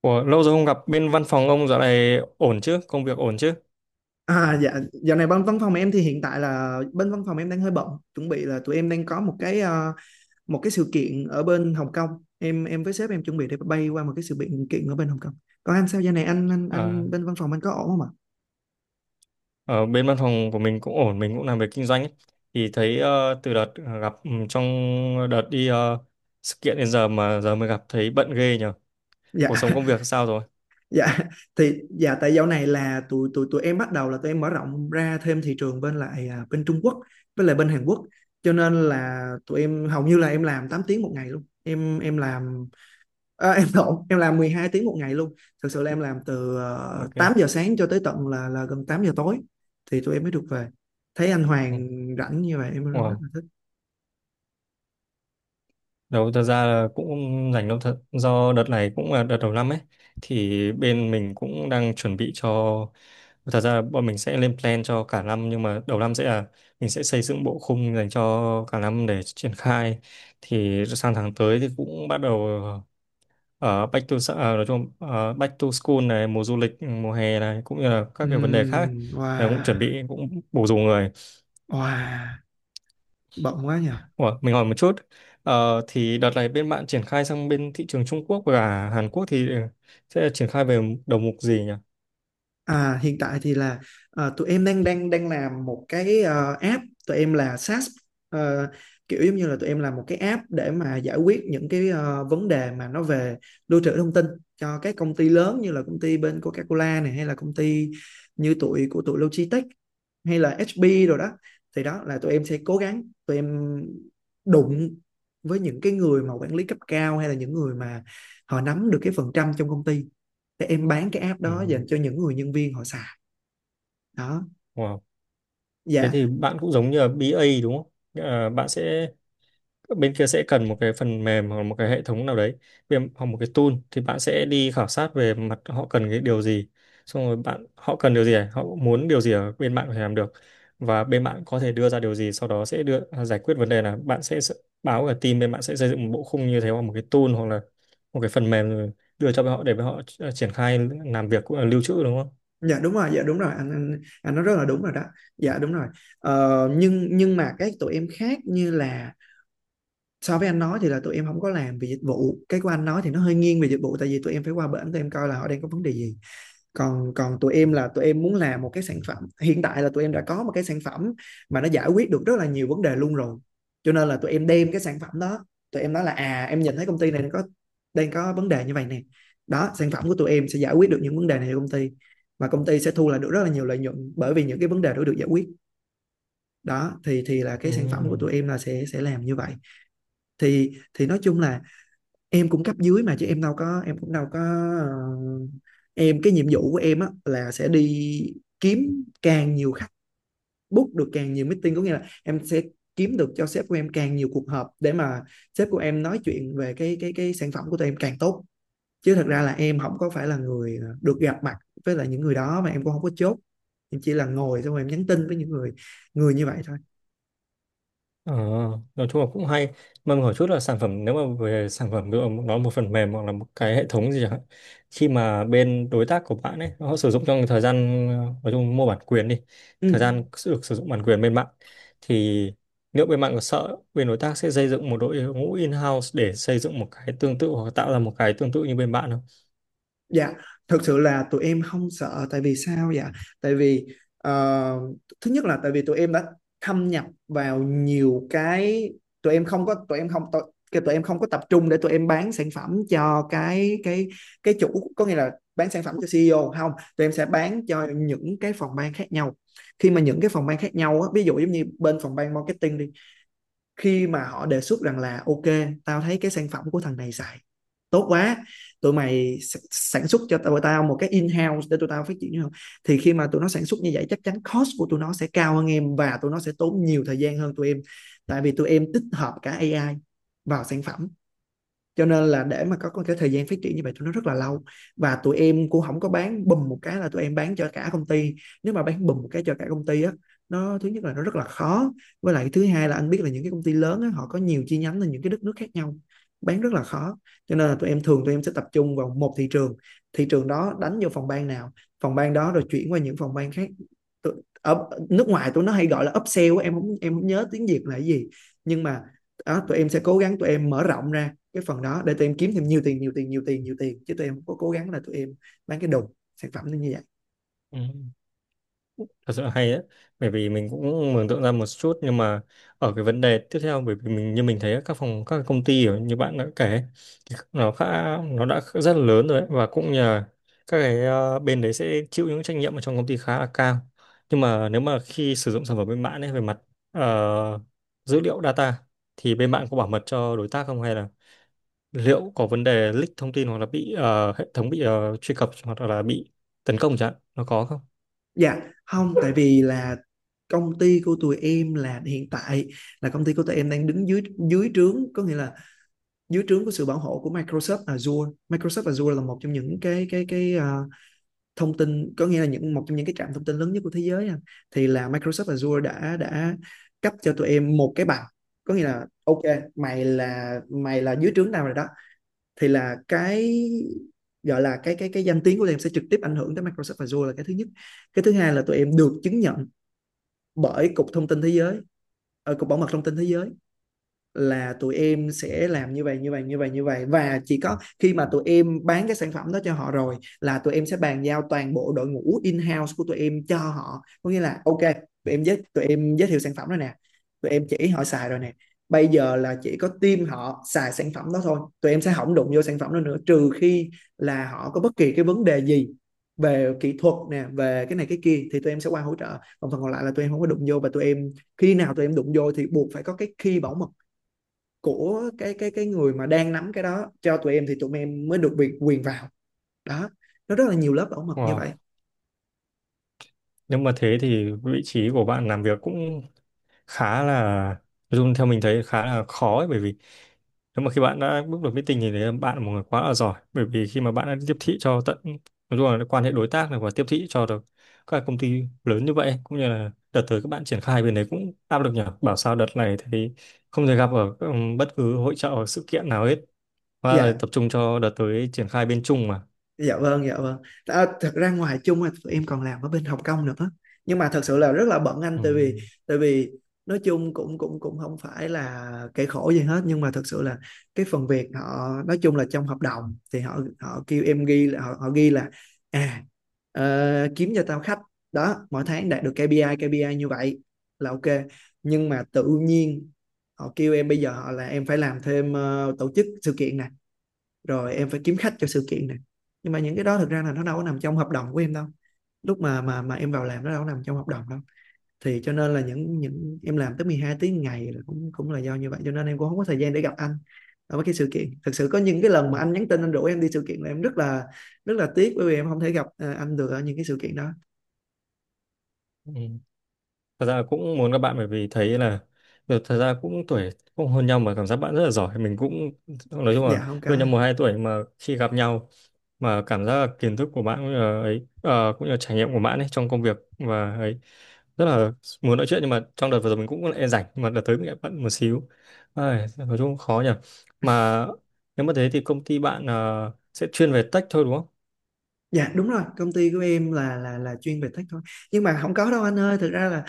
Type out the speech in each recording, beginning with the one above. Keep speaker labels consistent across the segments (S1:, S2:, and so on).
S1: Ủa, lâu rồi không gặp bên văn phòng ông dạo này ổn chứ? Công việc ổn chứ?
S2: À, dạ, dạo này bên văn phòng em thì hiện tại là bên văn phòng em đang hơi bận, chuẩn bị là tụi em đang có một cái một cái sự kiện ở bên Hồng Kông. Em với sếp em chuẩn bị để bay qua một cái sự kiện kiện ở bên Hồng Kông. Còn anh sao giờ này anh anh
S1: À,
S2: anh bên văn phòng anh có ổn không ạ?
S1: ở bên văn phòng của mình cũng ổn, mình cũng làm việc kinh doanh ấy. Thì thấy từ đợt gặp trong đợt đi sự kiện đến giờ mà giờ mới gặp thấy bận ghê nhờ. Cuộc
S2: Dạ.
S1: sống công việc sao rồi?
S2: Dạ thì tại dạo này là tụi tụi tụi em bắt đầu là tụi em mở rộng ra thêm thị trường bên lại à, bên Trung Quốc với lại bên Hàn Quốc, cho nên là tụi em hầu như là em làm 8 tiếng một ngày luôn. Em làm à, em lộn, em làm 12 tiếng một ngày luôn. Thực sự là em làm từ
S1: Ok.
S2: 8 giờ sáng cho tới tận là gần 8 giờ tối thì tụi em mới được về. Thấy anh
S1: Ừ.
S2: Hoàng rảnh như vậy em rất
S1: Wow.
S2: là thích.
S1: Đâu, thật ra là cũng không rảnh đâu thật, do đợt này cũng là đợt đầu năm ấy, thì bên mình cũng đang chuẩn bị cho, thật ra là bọn mình sẽ lên plan cho cả năm, nhưng mà đầu năm sẽ là mình sẽ xây dựng bộ khung dành cho cả năm để triển khai. Thì sang tháng tới thì cũng bắt đầu ở back to s- à, nói chung back to school này, mùa du lịch mùa hè này, cũng như là các cái vấn đề khác ấy, là cũng chuẩn
S2: Wow,
S1: bị cũng bổ dùng người.
S2: wow, bận quá nhỉ.
S1: Ủa, mình hỏi một chút. Ờ, thì đợt này bên bạn triển khai sang bên thị trường Trung Quốc và Hàn Quốc thì sẽ triển khai về đầu mục gì nhỉ?
S2: À, hiện tại thì là tụi em đang đang đang làm một cái app, tụi em là SaaS. Ờ, kiểu giống như là tụi em làm một cái app để mà giải quyết những cái vấn đề mà nó về lưu trữ thông tin cho các công ty lớn như là công ty bên Coca-Cola này, hay là công ty như tụi của tụi Logitech, hay là HP rồi đó. Thì đó là tụi em sẽ cố gắng tụi em đụng với những cái người mà quản lý cấp cao hay là những người mà họ nắm được cái phần trăm trong công ty để em bán cái app đó
S1: Ừ.
S2: dành cho những người nhân viên họ xài đó.
S1: Wow. Thế
S2: Dạ,
S1: thì bạn cũng giống như là BA đúng không? Nghĩa là bạn sẽ, bên kia sẽ cần một cái phần mềm hoặc một cái hệ thống nào đấy, hoặc một cái tool, thì bạn sẽ đi khảo sát về mặt họ cần cái điều gì, xong rồi bạn họ cần điều gì à? Họ muốn điều gì ở bên bạn có thể làm được, và bên bạn có thể đưa ra điều gì, sau đó sẽ đưa giải quyết vấn đề là bạn sẽ báo cả team bên bạn sẽ xây dựng một bộ khung như thế, hoặc một cái tool hoặc là một cái phần mềm, rồi đưa cho họ để họ triển khai làm việc cũng là lưu trữ đúng không?
S2: dạ đúng rồi, dạ đúng rồi, anh nói rất là đúng rồi đó, dạ đúng rồi. Nhưng mà cái tụi em khác như là, so với anh nói thì là tụi em không có làm về dịch vụ, cái của anh nói thì nó hơi nghiêng về dịch vụ tại vì tụi em phải qua bển tụi em coi là họ đang có vấn đề gì. Còn còn tụi em là tụi em muốn làm một cái sản phẩm, hiện tại là tụi em đã có một cái sản phẩm mà nó giải quyết được rất là nhiều vấn đề luôn rồi, cho nên là tụi em đem cái sản phẩm đó, tụi em nói là, à, em nhìn thấy công ty này nó có, đang có vấn đề như vậy nè. Đó, sản phẩm của tụi em sẽ giải quyết được những vấn đề này cho công ty và công ty sẽ thu lại được rất là nhiều lợi nhuận bởi vì những cái vấn đề đó được giải quyết. Đó thì là
S1: Ừ.
S2: cái sản phẩm của tụi em là sẽ làm như vậy. Thì nói chung là em cũng cấp dưới mà, chứ em đâu có, em cũng đâu có, ờ, em, cái nhiệm vụ của em á là sẽ đi kiếm càng nhiều khách, book được càng nhiều meeting, có nghĩa là em sẽ kiếm được cho sếp của em càng nhiều cuộc họp để mà sếp của em nói chuyện về cái sản phẩm của tụi em càng tốt, chứ thật ra là em không có phải là người được gặp mặt với lại những người đó, mà em cũng không có chốt, em chỉ là ngồi xong rồi em nhắn tin với những người người như vậy thôi.
S1: Ờ, nói chung là cũng hay. Mà mình hỏi chút là sản phẩm, nếu mà về sản phẩm ví dụ nó là một phần mềm hoặc là một cái hệ thống gì chẳng hạn, khi mà bên đối tác của bạn ấy họ sử dụng trong thời gian nói chung mua bản quyền đi,
S2: Ừ.
S1: thời gian được sử dụng bản quyền bên bạn thì liệu bên bạn có sợ bên đối tác sẽ xây dựng một đội ngũ in-house để xây dựng một cái tương tự hoặc tạo ra một cái tương tự như bên bạn không?
S2: Dạ, thực sự là tụi em không sợ, tại vì sao dạ? Tại vì, ờ, thứ nhất là tại vì tụi em đã thâm nhập vào nhiều cái, tụi em không có tụi em không tụi, cái tụi em không có tập trung để tụi em bán sản phẩm cho cái chủ, có nghĩa là bán sản phẩm cho CEO không, tụi em sẽ bán cho những cái phòng ban khác nhau. Khi mà những cái phòng ban khác nhau á, ví dụ giống như bên phòng ban marketing đi, khi mà họ đề xuất rằng là, ok, tao thấy cái sản phẩm của thằng này xài tốt quá, tụi mày sản xuất cho tụi tao một cái in-house để tụi tao phát triển như không. Thì khi mà tụi nó sản xuất như vậy chắc chắn cost của tụi nó sẽ cao hơn em và tụi nó sẽ tốn nhiều thời gian hơn tụi em, tại vì tụi em tích hợp cả AI vào sản phẩm, cho nên là để mà có, cái thời gian phát triển như vậy tụi nó rất là lâu. Và tụi em cũng không có bán bùm một cái là tụi em bán cho cả công ty, nếu mà bán bùm một cái cho cả công ty á, nó thứ nhất là nó rất là khó, với lại thứ hai là anh biết là những cái công ty lớn á, họ có nhiều chi nhánh ở những cái đất nước khác nhau, bán rất là khó, cho nên là tụi em thường tụi em sẽ tập trung vào một thị trường, thị trường đó đánh vô phòng ban nào, phòng ban đó rồi chuyển qua những phòng ban khác. Ở nước ngoài tụi nó hay gọi là upsell á, em không nhớ tiếng Việt là cái gì, nhưng mà đó, tụi em sẽ cố gắng tụi em mở rộng ra cái phần đó để tụi em kiếm thêm nhiều tiền, nhiều tiền, nhiều tiền, nhiều tiền, chứ tụi em không có cố gắng là tụi em bán cái đồ, sản phẩm như vậy.
S1: Ừ. Thật sự là hay đấy, bởi vì mình cũng mường tượng ra một chút, nhưng mà ở cái vấn đề tiếp theo, bởi vì mình như mình thấy các phòng các công ty ở- như bạn đã kể thì nó khá, nó đã rất là lớn rồi đấy, và cũng nhờ các cái bên đấy sẽ chịu những trách nhiệm ở trong công ty khá là cao, nhưng mà nếu mà khi sử dụng sản phẩm bên bạn ấy về mặt ờ, dữ liệu data, thì bên bạn có bảo mật cho đối tác không, hay là liệu có vấn đề leak thông tin, hoặc là bị hệ thống bị truy cập, hoặc là bị tấn công chẳng hạn, nó có không?
S2: Dạ không, tại vì là công ty của tụi em là, hiện tại là công ty của tụi em đang đứng dưới dưới trướng, có nghĩa là dưới trướng của sự bảo hộ của Microsoft Azure. Microsoft Azure là một trong những cái thông tin, có nghĩa là những, một trong những cái trạm thông tin lớn nhất của thế giới à. Thì là Microsoft Azure đã cấp cho tụi em một cái bằng, có nghĩa là, ok, mày là dưới trướng nào rồi đó, thì là cái, gọi là cái danh tiếng của tụi em sẽ trực tiếp ảnh hưởng tới Microsoft Azure là cái thứ nhất. Cái thứ hai là tụi em được chứng nhận bởi cục thông tin thế giới, cục bảo mật thông tin thế giới, là tụi em sẽ làm như vậy như vậy như vậy như vậy. Và chỉ có khi mà tụi em bán cái sản phẩm đó cho họ rồi là tụi em sẽ bàn giao toàn bộ đội ngũ in-house của tụi em cho họ, có nghĩa là, ok, tụi em giới thiệu sản phẩm rồi nè, tụi em chỉ họ xài rồi nè, bây giờ là chỉ có team họ xài sản phẩm đó thôi, tụi em sẽ không đụng vô sản phẩm đó nữa, trừ khi là họ có bất kỳ cái vấn đề gì về kỹ thuật nè, về cái này cái kia thì tụi em sẽ qua hỗ trợ. Còn phần còn lại là tụi em không có đụng vô, và tụi em khi nào tụi em đụng vô thì buộc phải có cái key bảo mật của cái người mà đang nắm cái đó cho tụi em thì tụi em mới được quyền quyền vào đó. Nó rất là nhiều lớp bảo mật như vậy.
S1: Wow. Nếu mà thế thì vị trí của bạn làm việc cũng khá là, Dung theo mình thấy khá là khó ấy, bởi vì nếu mà khi bạn đã bước vào meeting thì đấy, bạn là một người quá là giỏi, bởi vì khi mà bạn đã tiếp thị cho tận, nói chung là quan hệ đối tác này, và tiếp thị cho được các công ty lớn như vậy, cũng như là đợt tới các bạn triển khai bên đấy cũng áp lực nhỉ, bảo sao đợt này thì không thể gặp ở bất cứ hội chợ hoặc sự kiện nào hết, và
S2: Dạ,
S1: tập trung cho đợt tới triển khai bên Trung mà.
S2: dạ vâng, dạ vâng, à, thật ra ngoài chung thì tụi em còn làm ở bên Hồng Kông nữa, nhưng mà thật sự là rất là bận anh,
S1: Ừ.
S2: tại vì, tại vì nói chung cũng cũng cũng không phải là kẻ khổ gì hết, nhưng mà thật sự là cái phần việc họ, nói chung là trong hợp đồng thì họ họ kêu em ghi là, họ, họ ghi là à kiếm cho tao khách đó mỗi tháng đạt được KPI KPI như vậy là ok, nhưng mà tự nhiên họ kêu em, bây giờ họ là em phải làm thêm tổ chức sự kiện nè, rồi em phải kiếm khách cho sự kiện này, nhưng mà những cái đó thực ra là nó đâu có nằm trong hợp đồng của em đâu, lúc mà em vào làm nó đâu có nằm trong hợp đồng đâu, thì cho nên là những em làm tới 12 tiếng ngày là cũng cũng là do như vậy, cho nên em cũng không có thời gian để gặp anh ở mấy cái sự kiện. Thực sự có những cái lần mà anh nhắn tin anh rủ em đi sự kiện là em rất là, rất là tiếc bởi vì em không thể gặp, à, anh được ở những cái sự kiện đó.
S1: Ừ. Thật ra cũng muốn các bạn bởi vì thấy là được, thật ra cũng tuổi cũng hơn nhau mà cảm giác bạn rất là giỏi, mình cũng nói chung là
S2: Dạ không
S1: hơn
S2: có.
S1: nhau một hai tuổi mà khi gặp nhau, mà cảm giác là kiến thức của bạn cũng như là ấy cũng như là trải nghiệm của bạn ấy trong công việc và ấy, rất là muốn nói chuyện, nhưng mà trong đợt vừa rồi mình cũng e rảnh, nhưng mà đợt tới mình lại bận một xíu. Ai, nói chung cũng khó nhỉ. Mà nếu mà thế thì công ty bạn sẽ chuyên về tech thôi đúng không?
S2: Dạ đúng rồi, công ty của em là chuyên về tech thôi, nhưng mà không có đâu anh ơi, thực ra là,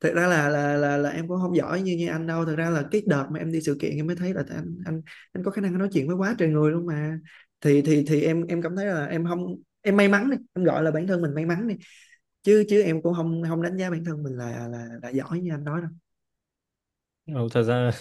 S2: thật ra là em cũng không giỏi như như anh đâu. Thật ra là cái đợt mà em đi sự kiện em mới thấy là anh anh có khả năng nói chuyện với quá trời người luôn mà, thì em cảm thấy là em không, em may mắn đi, em gọi là bản thân mình may mắn đi, chứ chứ em cũng không, không đánh giá bản thân mình là là giỏi như anh nói đâu.
S1: Ừ, thật ra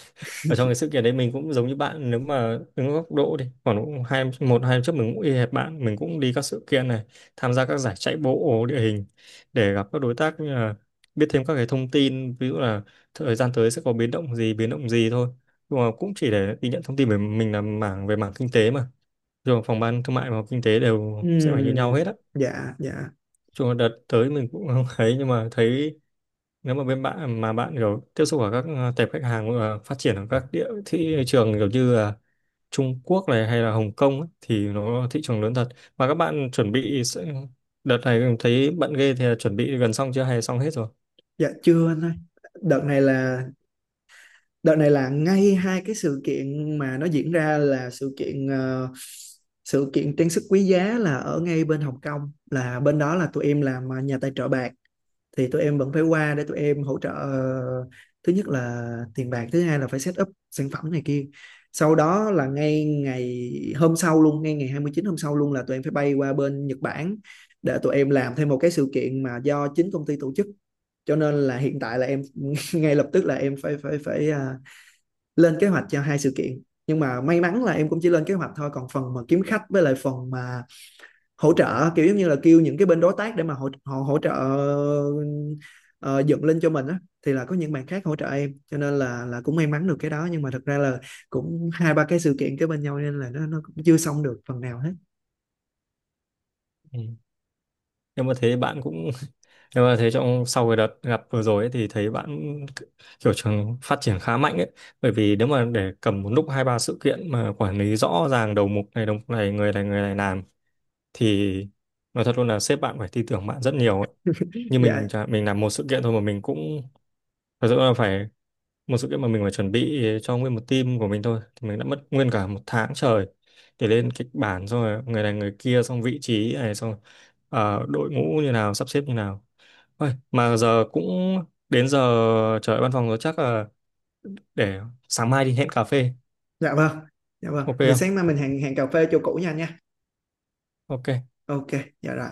S1: ở trong cái sự kiện đấy mình cũng giống như bạn, nếu mà đứng góc độ đi khoảng cũng hai một hai năm trước, mình cũng y hệt bạn, mình cũng đi các sự kiện này, tham gia các giải chạy bộ địa hình để gặp các đối tác, như là biết thêm các cái thông tin, ví dụ là thời gian tới sẽ có biến động gì thôi, nhưng mà cũng chỉ để đi nhận thông tin về mình là mảng, về mảng kinh tế mà, rồi phòng ban thương mại và kinh tế đều sẽ phải như nhau hết á.
S2: Dạ, dạ.
S1: Chung là đợt tới mình cũng không thấy, nhưng mà thấy nếu mà bên bạn mà bạn kiểu tiếp xúc ở các tệp khách hàng phát triển ở các địa thị trường kiểu như là Trung Quốc này hay là Hồng Kông ấy, thì nó thị trường lớn thật, mà các bạn chuẩn bị đợt này thấy bận ghê thì là chuẩn bị gần xong chưa hay là xong hết rồi?
S2: Dạ chưa anh ơi, đợt này là, đợt này là ngay hai cái sự kiện mà nó diễn ra là sự kiện, sự kiện trang sức quý giá là ở ngay bên Hồng Kông, là bên đó là tụi em làm, nhà tài trợ bạc, thì tụi em vẫn phải qua để tụi em hỗ trợ, thứ nhất là tiền bạc, thứ hai là phải set up sản phẩm này kia. Sau đó là ngay ngày hôm sau luôn, ngay ngày 29 hôm sau luôn là tụi em phải bay qua bên Nhật Bản để tụi em làm thêm một cái sự kiện mà do chính công ty tổ chức, cho nên là hiện tại là em ngay lập tức là em phải phải phải à, lên kế hoạch cho hai sự kiện, nhưng mà may mắn là em cũng chỉ lên kế hoạch thôi, còn phần mà kiếm khách với lại phần mà hỗ trợ kiểu giống như là kêu những cái bên đối tác để mà hỗ họ hỗ hỗ trợ, ờ, dựng lên cho mình á, thì là có những bạn khác hỗ trợ em cho nên là cũng may mắn được cái đó, nhưng mà thật ra là cũng hai ba cái sự kiện kế bên nhau nên là nó cũng chưa xong được phần nào hết.
S1: Ừ. Nhưng mà thế bạn cũng nhưng mà thế trong sau cái đợt gặp vừa rồi ấy, thì thấy bạn kiểu trường phát triển khá mạnh ấy, bởi vì nếu mà để cầm một lúc hai ba sự kiện mà quản lý rõ ràng đầu mục này người này người này làm, thì nói thật luôn là sếp bạn phải tin tưởng bạn rất nhiều ấy. Như
S2: Dạ,
S1: mình chẳng hạn, mình làm một sự kiện thôi mà mình cũng thật sự là phải, một sự kiện mà mình phải chuẩn bị cho nguyên một team của mình thôi thì mình đã mất nguyên cả một tháng trời, để lên kịch bản xong rồi người này người kia xong vị trí này xong, đội ngũ như nào sắp xếp như nào. Ôi, mà giờ cũng đến giờ trời văn phòng rồi, chắc là để sáng mai đi hẹn cà phê.
S2: dạ vâng, dạ vâng
S1: Ok
S2: về,
S1: không?
S2: sáng mai mình hẹn hẹn cà phê chỗ cũ nha, nha.
S1: Ok.
S2: Ok. Dạ rồi.